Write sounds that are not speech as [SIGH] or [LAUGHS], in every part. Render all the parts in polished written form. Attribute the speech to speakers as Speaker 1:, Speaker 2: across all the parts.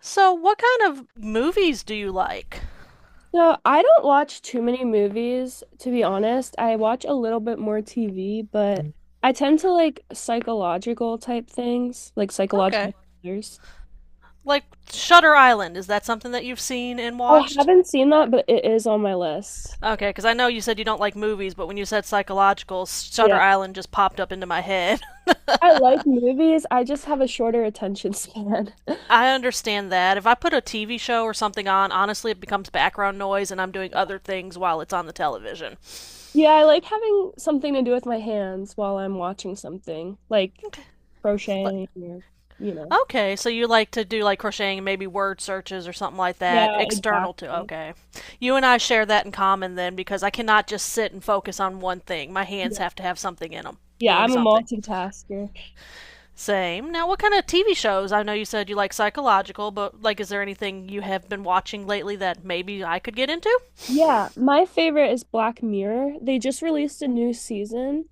Speaker 1: So, what kind of movies do you like?
Speaker 2: So I don't watch too many movies, to be honest. I watch a little bit more TV, but I tend to like psychological type things, like
Speaker 1: Okay.
Speaker 2: psychological thrillers.
Speaker 1: Like Shutter Island, is that something that you've seen and
Speaker 2: I
Speaker 1: watched?
Speaker 2: haven't seen that, but it is on my list.
Speaker 1: Okay, because I know you said you don't like movies, but when you said psychological, Shutter
Speaker 2: Yeah.
Speaker 1: Island just popped up into my head.
Speaker 2: I like movies. I just have a shorter attention span. [LAUGHS]
Speaker 1: [LAUGHS] I understand that. If I put a TV show or something on, honestly, it becomes background noise and I'm doing other things while it's on the television.
Speaker 2: Yeah, I like having something to do with my hands while I'm watching something, like
Speaker 1: Okay.
Speaker 2: crocheting or, you know.
Speaker 1: Okay, so you like to do like crocheting, maybe word searches or something like that,
Speaker 2: Yeah,
Speaker 1: external to.
Speaker 2: exactly.
Speaker 1: Okay. You and I share that in common then because I cannot just sit and focus on one thing. My
Speaker 2: Yeah,
Speaker 1: hands have to have something in them,
Speaker 2: Yeah,
Speaker 1: doing
Speaker 2: I'm a
Speaker 1: something.
Speaker 2: multitasker.
Speaker 1: Same. Now, what kind of TV shows? I know you said you like psychological, but like, is there anything you have been watching lately that maybe I could get into?
Speaker 2: Yeah, my favorite is Black Mirror. They just released a new season.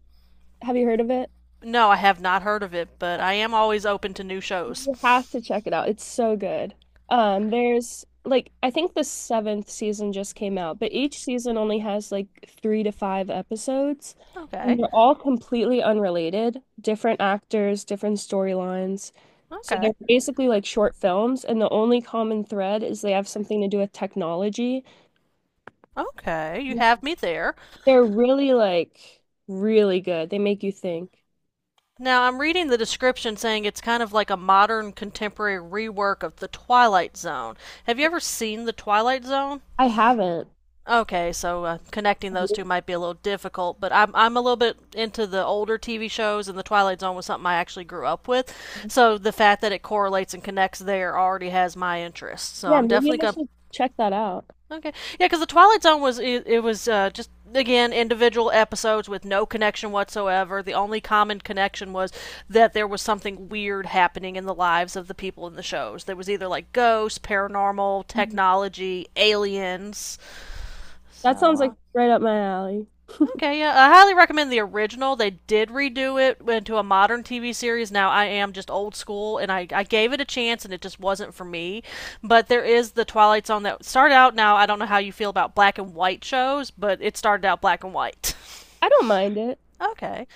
Speaker 2: Have you heard of it?
Speaker 1: No, I have not heard of it, but I am always open to new shows.
Speaker 2: You have to check it out. It's so good. There's like I think the seventh season just came out, but each season only has like three to five episodes, and
Speaker 1: Okay.
Speaker 2: they're all completely unrelated, different actors, different storylines. So they're
Speaker 1: Okay.
Speaker 2: basically like short films, and the only common thread is they have something to do with technology.
Speaker 1: Okay. You have me there.
Speaker 2: They're really really good. They make you think.
Speaker 1: Now, I'm reading the description saying it's kind of like a modern contemporary rework of The Twilight Zone. Have you ever seen The Twilight Zone?
Speaker 2: I haven't.
Speaker 1: Okay, so connecting those two
Speaker 2: Really?
Speaker 1: might be a little difficult, but I'm a little bit into the older TV shows, and The Twilight Zone was something I actually grew up with. So the fact that it correlates and connects there already has my interest. So
Speaker 2: Yeah,
Speaker 1: I'm
Speaker 2: maybe
Speaker 1: definitely
Speaker 2: I
Speaker 1: gonna
Speaker 2: should check that out.
Speaker 1: Okay. Yeah, because the Twilight Zone was it was just again individual episodes with no connection whatsoever. The only common connection was that there was something weird happening in the lives of the people in the shows. There was either like ghosts, paranormal,
Speaker 2: Mhm.
Speaker 1: technology, aliens. So
Speaker 2: That sounds like right up my alley.
Speaker 1: Okay, yeah, I highly recommend the original. They did redo it into a modern TV series. Now I am just old school, and I gave it a chance, and it just wasn't for me. But there is the Twilight Zone that started out. Now I don't know how you feel about black and white shows, but it started out black and white.
Speaker 2: I don't mind it.
Speaker 1: [LAUGHS] Okay,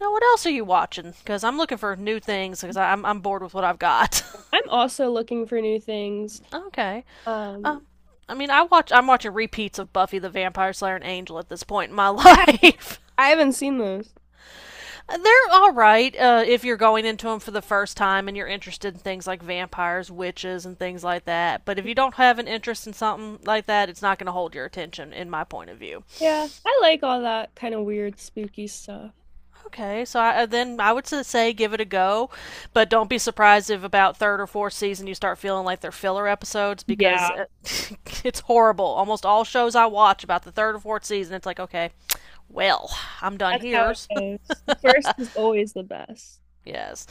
Speaker 1: now what else are you watching? Because I'm looking for new things because I'm bored with what I've got.
Speaker 2: I'm also looking for new things.
Speaker 1: [LAUGHS] Okay,
Speaker 2: Um,
Speaker 1: um, I mean I'm watching repeats of Buffy the Vampire Slayer and Angel at this point in my
Speaker 2: I ha
Speaker 1: life. [LAUGHS]
Speaker 2: I haven't seen those.
Speaker 1: They're all right if you're going into them for the first time and you're interested in things like vampires, witches, and things like that. But if you don't have an interest in something like that, it's not going to hold your attention, in my point of view.
Speaker 2: Yeah, I like all that kind of weird, spooky stuff.
Speaker 1: Okay, so then I would say give it a go, but don't be surprised if about third or fourth season you start feeling like they're filler episodes
Speaker 2: Yeah,
Speaker 1: because [LAUGHS] it's horrible. Almost all shows I watch about the third or fourth season, it's like, okay, well, I'm done
Speaker 2: that's how
Speaker 1: here.
Speaker 2: it goes. The first is always the best.
Speaker 1: [LAUGHS] Yes.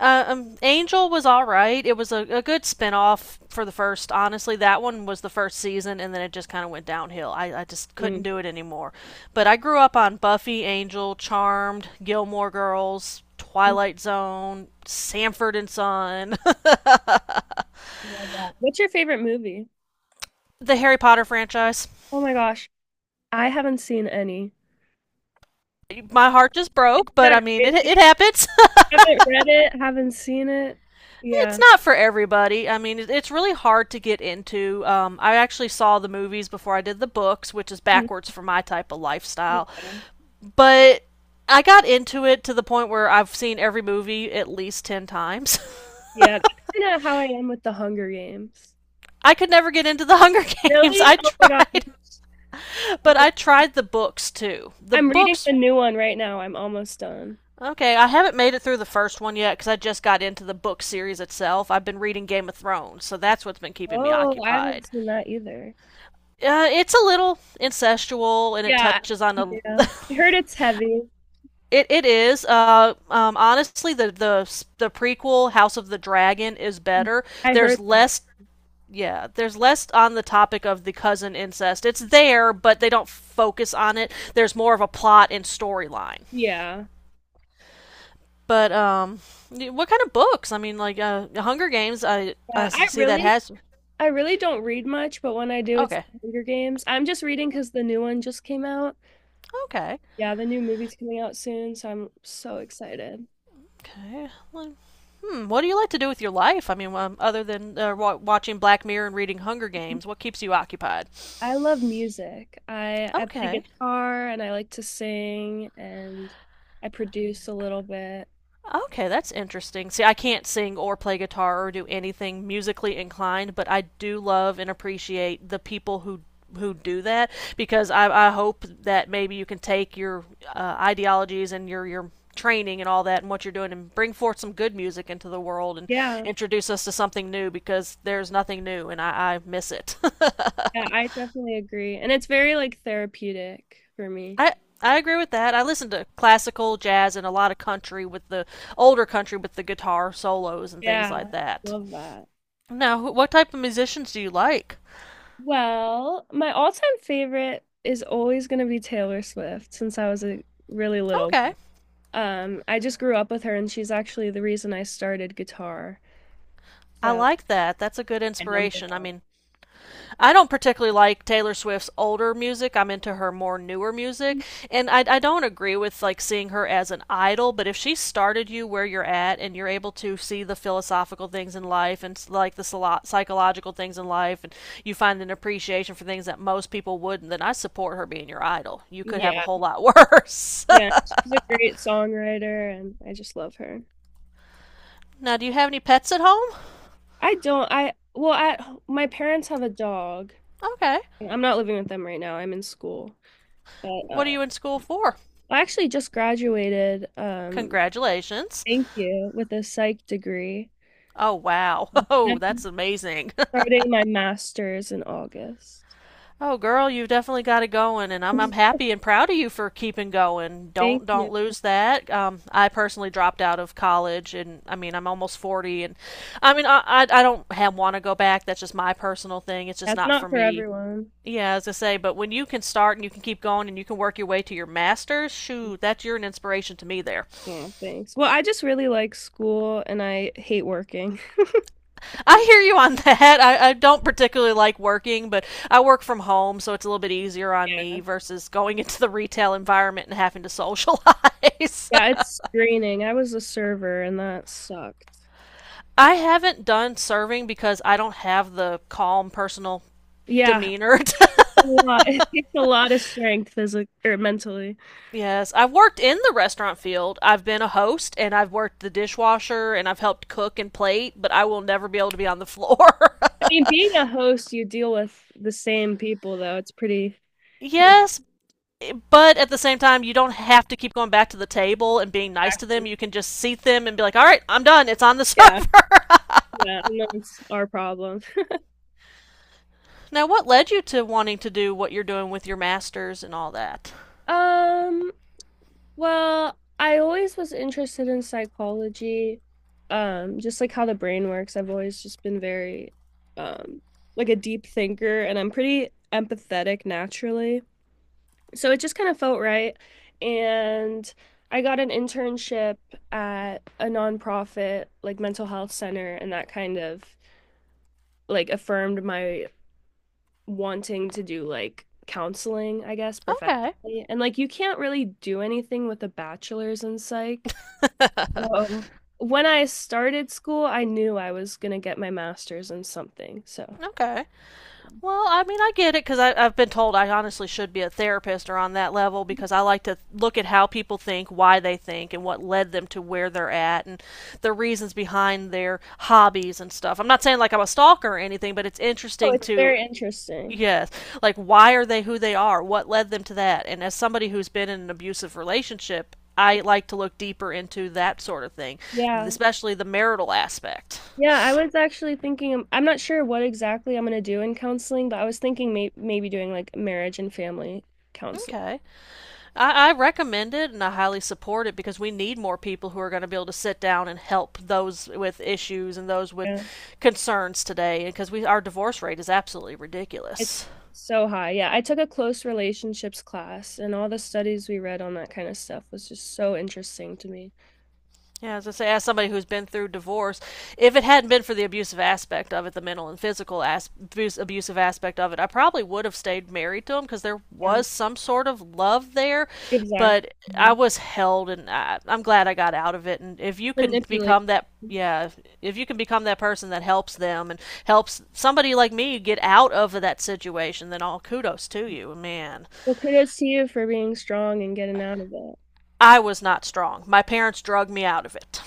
Speaker 1: Angel was all right. It was a good spinoff for the first. Honestly, that one was the first season, and then it just kind of went downhill. I just couldn't
Speaker 2: Mm.
Speaker 1: do it anymore. But I grew up on Buffy, Angel, Charmed, Gilmore Girls,
Speaker 2: I
Speaker 1: Twilight Zone, Sanford and Son,
Speaker 2: Love that. What's your favorite movie?
Speaker 1: [LAUGHS] the Harry Potter franchise.
Speaker 2: Oh my gosh, I haven't seen any.
Speaker 1: My heart just
Speaker 2: Isn't
Speaker 1: broke, but
Speaker 2: that
Speaker 1: I mean, it
Speaker 2: crazy?
Speaker 1: happens.
Speaker 2: Haven't read it, haven't seen it.
Speaker 1: [LAUGHS] it's
Speaker 2: Yeah.
Speaker 1: not for everybody. I mean, it's really hard to get into. I actually saw the movies before I did the books, which is
Speaker 2: Mhm.
Speaker 1: backwards for my type of lifestyle.
Speaker 2: Yeah.
Speaker 1: But I got into it to the point where I've seen every movie at least 10 times.
Speaker 2: Yeah. That's kind of how I am with The Hunger Games.
Speaker 1: [LAUGHS] I could never get into the [LAUGHS] Hunger Games.
Speaker 2: Really?
Speaker 1: I
Speaker 2: Oh my gosh.
Speaker 1: tried, [LAUGHS] but I tried the books too. The
Speaker 2: I'm reading
Speaker 1: books,
Speaker 2: the new one right now. I'm almost done.
Speaker 1: okay, I haven't made it through the first one yet because I just got into the book series itself. I've been reading Game of Thrones, so that's what's been keeping me
Speaker 2: Oh, I haven't
Speaker 1: occupied.
Speaker 2: seen that either.
Speaker 1: It's a little incestual and it
Speaker 2: Yeah.
Speaker 1: touches on a.
Speaker 2: Yeah.
Speaker 1: [LAUGHS]
Speaker 2: I heard it's heavy.
Speaker 1: It is. Honestly, the prequel, House of the Dragon, is better.
Speaker 2: I heard
Speaker 1: There's
Speaker 2: that.
Speaker 1: less yeah, there's less on the topic of the cousin incest. It's there, but they don't focus on it. There's more of a plot and storyline.
Speaker 2: Yeah.
Speaker 1: But what kind of books? I mean, like Hunger Games. I
Speaker 2: Yeah.
Speaker 1: I see that has.
Speaker 2: I really don't read much, but when I do, it's
Speaker 1: Okay,
Speaker 2: The Hunger Games. I'm just reading because the new one just came out.
Speaker 1: okay,
Speaker 2: Yeah, the new movie's coming out soon, so I'm so excited.
Speaker 1: okay. Well, Hmm. What do you like to do with your life? I mean, other than watching Black Mirror and reading Hunger Games, what keeps you occupied?
Speaker 2: I love music. I play
Speaker 1: Okay,
Speaker 2: guitar and I like to sing and I produce a little bit.
Speaker 1: Okay, that's interesting. See, I can't sing or play guitar or do anything musically inclined, but I do love and appreciate the people who do that because I hope that maybe you can take your ideologies and your training and all that and what you're doing and bring forth some good music into the world and
Speaker 2: Yeah.
Speaker 1: introduce us to something new because there's nothing new and I miss it.
Speaker 2: Yeah, I definitely agree. And it's very like therapeutic for
Speaker 1: [LAUGHS]
Speaker 2: me.
Speaker 1: I I agree with that. I listen to classical, jazz, and a lot of country with the older country with the guitar solos and things like
Speaker 2: Yeah.
Speaker 1: that.
Speaker 2: Love that.
Speaker 1: Now, what type of musicians do you like?
Speaker 2: Well, my all-time favorite is always going to be Taylor Swift since I was a really little
Speaker 1: Okay.
Speaker 2: girl. I just grew up with her and she's actually the reason I started guitar.
Speaker 1: I
Speaker 2: So,
Speaker 1: like that. That's a good
Speaker 2: my number
Speaker 1: inspiration. I
Speaker 2: one.
Speaker 1: mean, I don't particularly like Taylor Swift's older music. I'm into her more newer music. And I don't agree with like seeing her as an idol, but if she started you where you're at and you're able to see the philosophical things in life and like the psychological things in life and you find an appreciation for things that most people wouldn't, then I support her being your idol. You could have a
Speaker 2: Yeah.
Speaker 1: whole lot worse.
Speaker 2: Yeah, she's a great songwriter and I just love her.
Speaker 1: [LAUGHS] now, do you have any pets at home?
Speaker 2: I don't. I well, at My parents have a dog.
Speaker 1: Okay.
Speaker 2: I'm not living with them right now. I'm in school, but
Speaker 1: What are you in school for?
Speaker 2: I actually just graduated.
Speaker 1: Congratulations.
Speaker 2: Thank you with a psych degree.
Speaker 1: Oh, wow. [LAUGHS]
Speaker 2: I'm
Speaker 1: Oh, that's amazing.
Speaker 2: starting my master's in August.
Speaker 1: [LAUGHS] oh, girl, you've definitely got it going, and I'm happy and proud of you for keeping going.
Speaker 2: Thank
Speaker 1: Don't
Speaker 2: you.
Speaker 1: don't lose that. I personally dropped out of college, and I mean, I'm almost 40, and I mean, I don't have, want to go back. That's just my personal thing. It's just
Speaker 2: That's
Speaker 1: not
Speaker 2: not
Speaker 1: for
Speaker 2: for
Speaker 1: me.
Speaker 2: everyone.
Speaker 1: Yeah, as I say, but when you can start and you can keep going and you can work your way to your master's, shoot, that's you're an inspiration to me there.
Speaker 2: Yeah, thanks. Well, I just really like school and I hate working.
Speaker 1: I hear you on that. I don't particularly like working, but I work from home, so it's a little bit easier on me
Speaker 2: Yeah.
Speaker 1: versus going [LAUGHS] into the retail environment and having to socialize.
Speaker 2: Yeah, it's draining. I was a server and that sucked.
Speaker 1: [LAUGHS] I haven't done serving because I don't have the calm personal
Speaker 2: Yeah,
Speaker 1: demeanor.
Speaker 2: a lot. [LAUGHS] It takes a lot of strength physically or mentally.
Speaker 1: [LAUGHS] Yes, I've worked in the restaurant field. I've been a host and I've worked the dishwasher and I've helped cook and plate, but I will never be able to be on the floor.
Speaker 2: I mean, being a host, you deal with the same people, though. It's pretty
Speaker 1: [LAUGHS] yes, But at the same time, you don't have to keep going back to the table and being nice to them.
Speaker 2: taxing.
Speaker 1: You can just seat them and be like, all right, I'm done. It's on the
Speaker 2: Yeah,
Speaker 1: server.
Speaker 2: yeah, and that's our problem. [LAUGHS]
Speaker 1: [LAUGHS] now, what led you to wanting to do what you're doing with your masters and all that?
Speaker 2: Um, well, I always was interested in psychology, just like how the brain works. I've always just been very, um, like a deep thinker, and I'm pretty empathetic naturally. So it just kind of felt right. And I got an internship at a nonprofit, like mental health center, and that kind of like affirmed my wanting to do like counseling, I guess,
Speaker 1: Okay.
Speaker 2: professionally. And like you can't really do anything with a bachelor's in psych. Um, when I started school, I knew I was gonna get my master's in something. So.
Speaker 1: Okay. Well, I mean, I get it because I've been told I honestly should be a therapist or on that level because I like to look at how people think, why they think, and what led them to where they're at, and the reasons behind their hobbies and stuff. I'm not saying like I'm a stalker or anything, but it's
Speaker 2: Oh,
Speaker 1: interesting
Speaker 2: it's
Speaker 1: to
Speaker 2: very interesting.
Speaker 1: Yes. Like, why are they who they are? What led them to that? And as somebody who's been in an abusive relationship, I like to look deeper into that sort of thing,
Speaker 2: Yeah.
Speaker 1: especially the marital aspect.
Speaker 2: Yeah, I was actually thinking, I'm not sure what exactly I'm gonna do in counseling, but I was thinking maybe doing like marriage and family counseling.
Speaker 1: Okay. I recommend it and I highly support it because we need more people who are going to be able to sit down and help those with issues and those with
Speaker 2: Yeah.
Speaker 1: concerns today because we our divorce rate is absolutely
Speaker 2: It's
Speaker 1: ridiculous.
Speaker 2: so high. Yeah, I took a close relationships class, and all the studies we read on that kind of stuff was just so interesting to me.
Speaker 1: Yeah, as I say, as somebody who's been through divorce, if it hadn't been for the abusive aspect of it, the mental and physical abuse, abusive aspect of it, I probably would have stayed married to him because there
Speaker 2: Yeah,
Speaker 1: was some sort of love there.
Speaker 2: exactly.
Speaker 1: But I
Speaker 2: Yeah.
Speaker 1: was held, and I'm glad I got out of it. And if you can
Speaker 2: Manipulate.
Speaker 1: become that, yeah, if you can become that person that helps them and helps somebody like me get out of that situation, then all kudos to you, man.
Speaker 2: Well, kudos to you for being strong and getting out of it.
Speaker 1: I was not strong. My parents drug me out of it.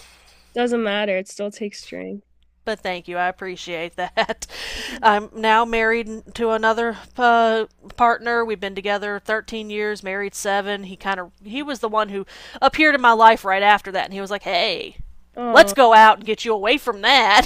Speaker 2: Doesn't matter, it still takes strength.
Speaker 1: But thank you, I appreciate that. [LAUGHS]
Speaker 2: [LAUGHS]
Speaker 1: I'm now married to another partner. We've been together 13 years, married seven. He kind of he was the one who appeared in my life right after that, and he was like, "Hey, let's
Speaker 2: Oh,
Speaker 1: go out and get you away from that."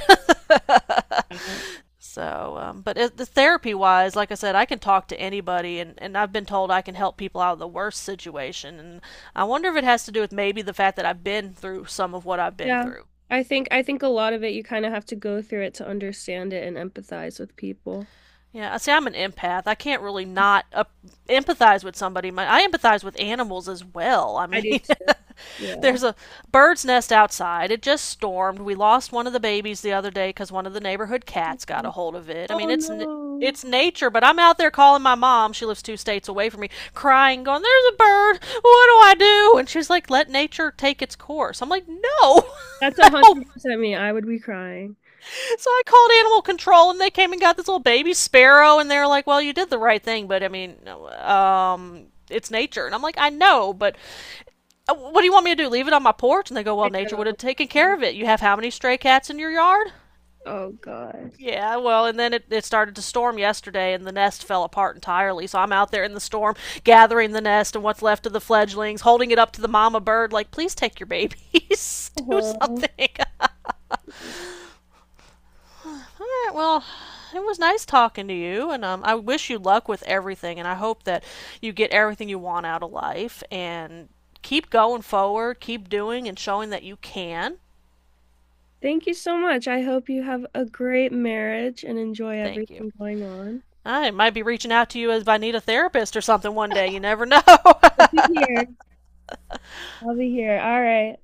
Speaker 2: yeah.
Speaker 1: [LAUGHS] so, the therapy wise, like I said, I can talk to anybody, and I've been told I can help people out of the worst situation. And I wonder if it has to do with maybe the fact that I've been through some of what I've been
Speaker 2: Yeah.
Speaker 1: through.
Speaker 2: I think a lot of it you kind of have to go through it to understand it and empathize with people.
Speaker 1: Yeah, I see. I'm an empath. I can't really not empathize with somebody. My, I empathize with animals as well. I
Speaker 2: I do
Speaker 1: mean,
Speaker 2: too.
Speaker 1: [LAUGHS]
Speaker 2: Yeah.
Speaker 1: there's a bird's nest outside. It just stormed. We lost one of the babies the other day because one of the neighborhood cats got a
Speaker 2: Mhm.
Speaker 1: hold of it. I mean,
Speaker 2: Oh
Speaker 1: it's
Speaker 2: no.
Speaker 1: it's nature, but I'm out there calling my mom. She lives two states away from me, crying, going, "There's a bird. What do I do?" And she's like, "Let nature take its course." I'm like, "No, [LAUGHS]
Speaker 2: That's a
Speaker 1: I don't
Speaker 2: hundred percent me. I would be crying.
Speaker 1: [LAUGHS] So I called animal control, and they came and got this little baby sparrow, and they're like, "Well, you did the right thing, but I mean, it's nature." And I'm like, "I know, but what do you want me to do? Leave it on my porch?" And they go,
Speaker 2: I
Speaker 1: "Well, nature would have taken care
Speaker 2: know.
Speaker 1: of it. You have how many stray cats in your yard?"
Speaker 2: Oh gosh.
Speaker 1: Yeah, well, and then it started to storm yesterday, and the nest fell apart entirely. So I'm out there in the storm, gathering the nest and what's left of the fledglings, holding it up to the mama bird, like, "Please take your babies, [LAUGHS] do
Speaker 2: Uh-huh.
Speaker 1: something." [LAUGHS] All right, well, it was nice talking to you, and I wish you luck with everything, and I hope that you get everything you want out of life, and keep going forward, keep doing and showing that you can.
Speaker 2: Thank you so much. I hope you have a great marriage and enjoy
Speaker 1: Thank you.
Speaker 2: everything going on.
Speaker 1: I might be reaching out to you as if I need a therapist or something one day. You never know. [LAUGHS]
Speaker 2: I'll be here. I'll be here. All right.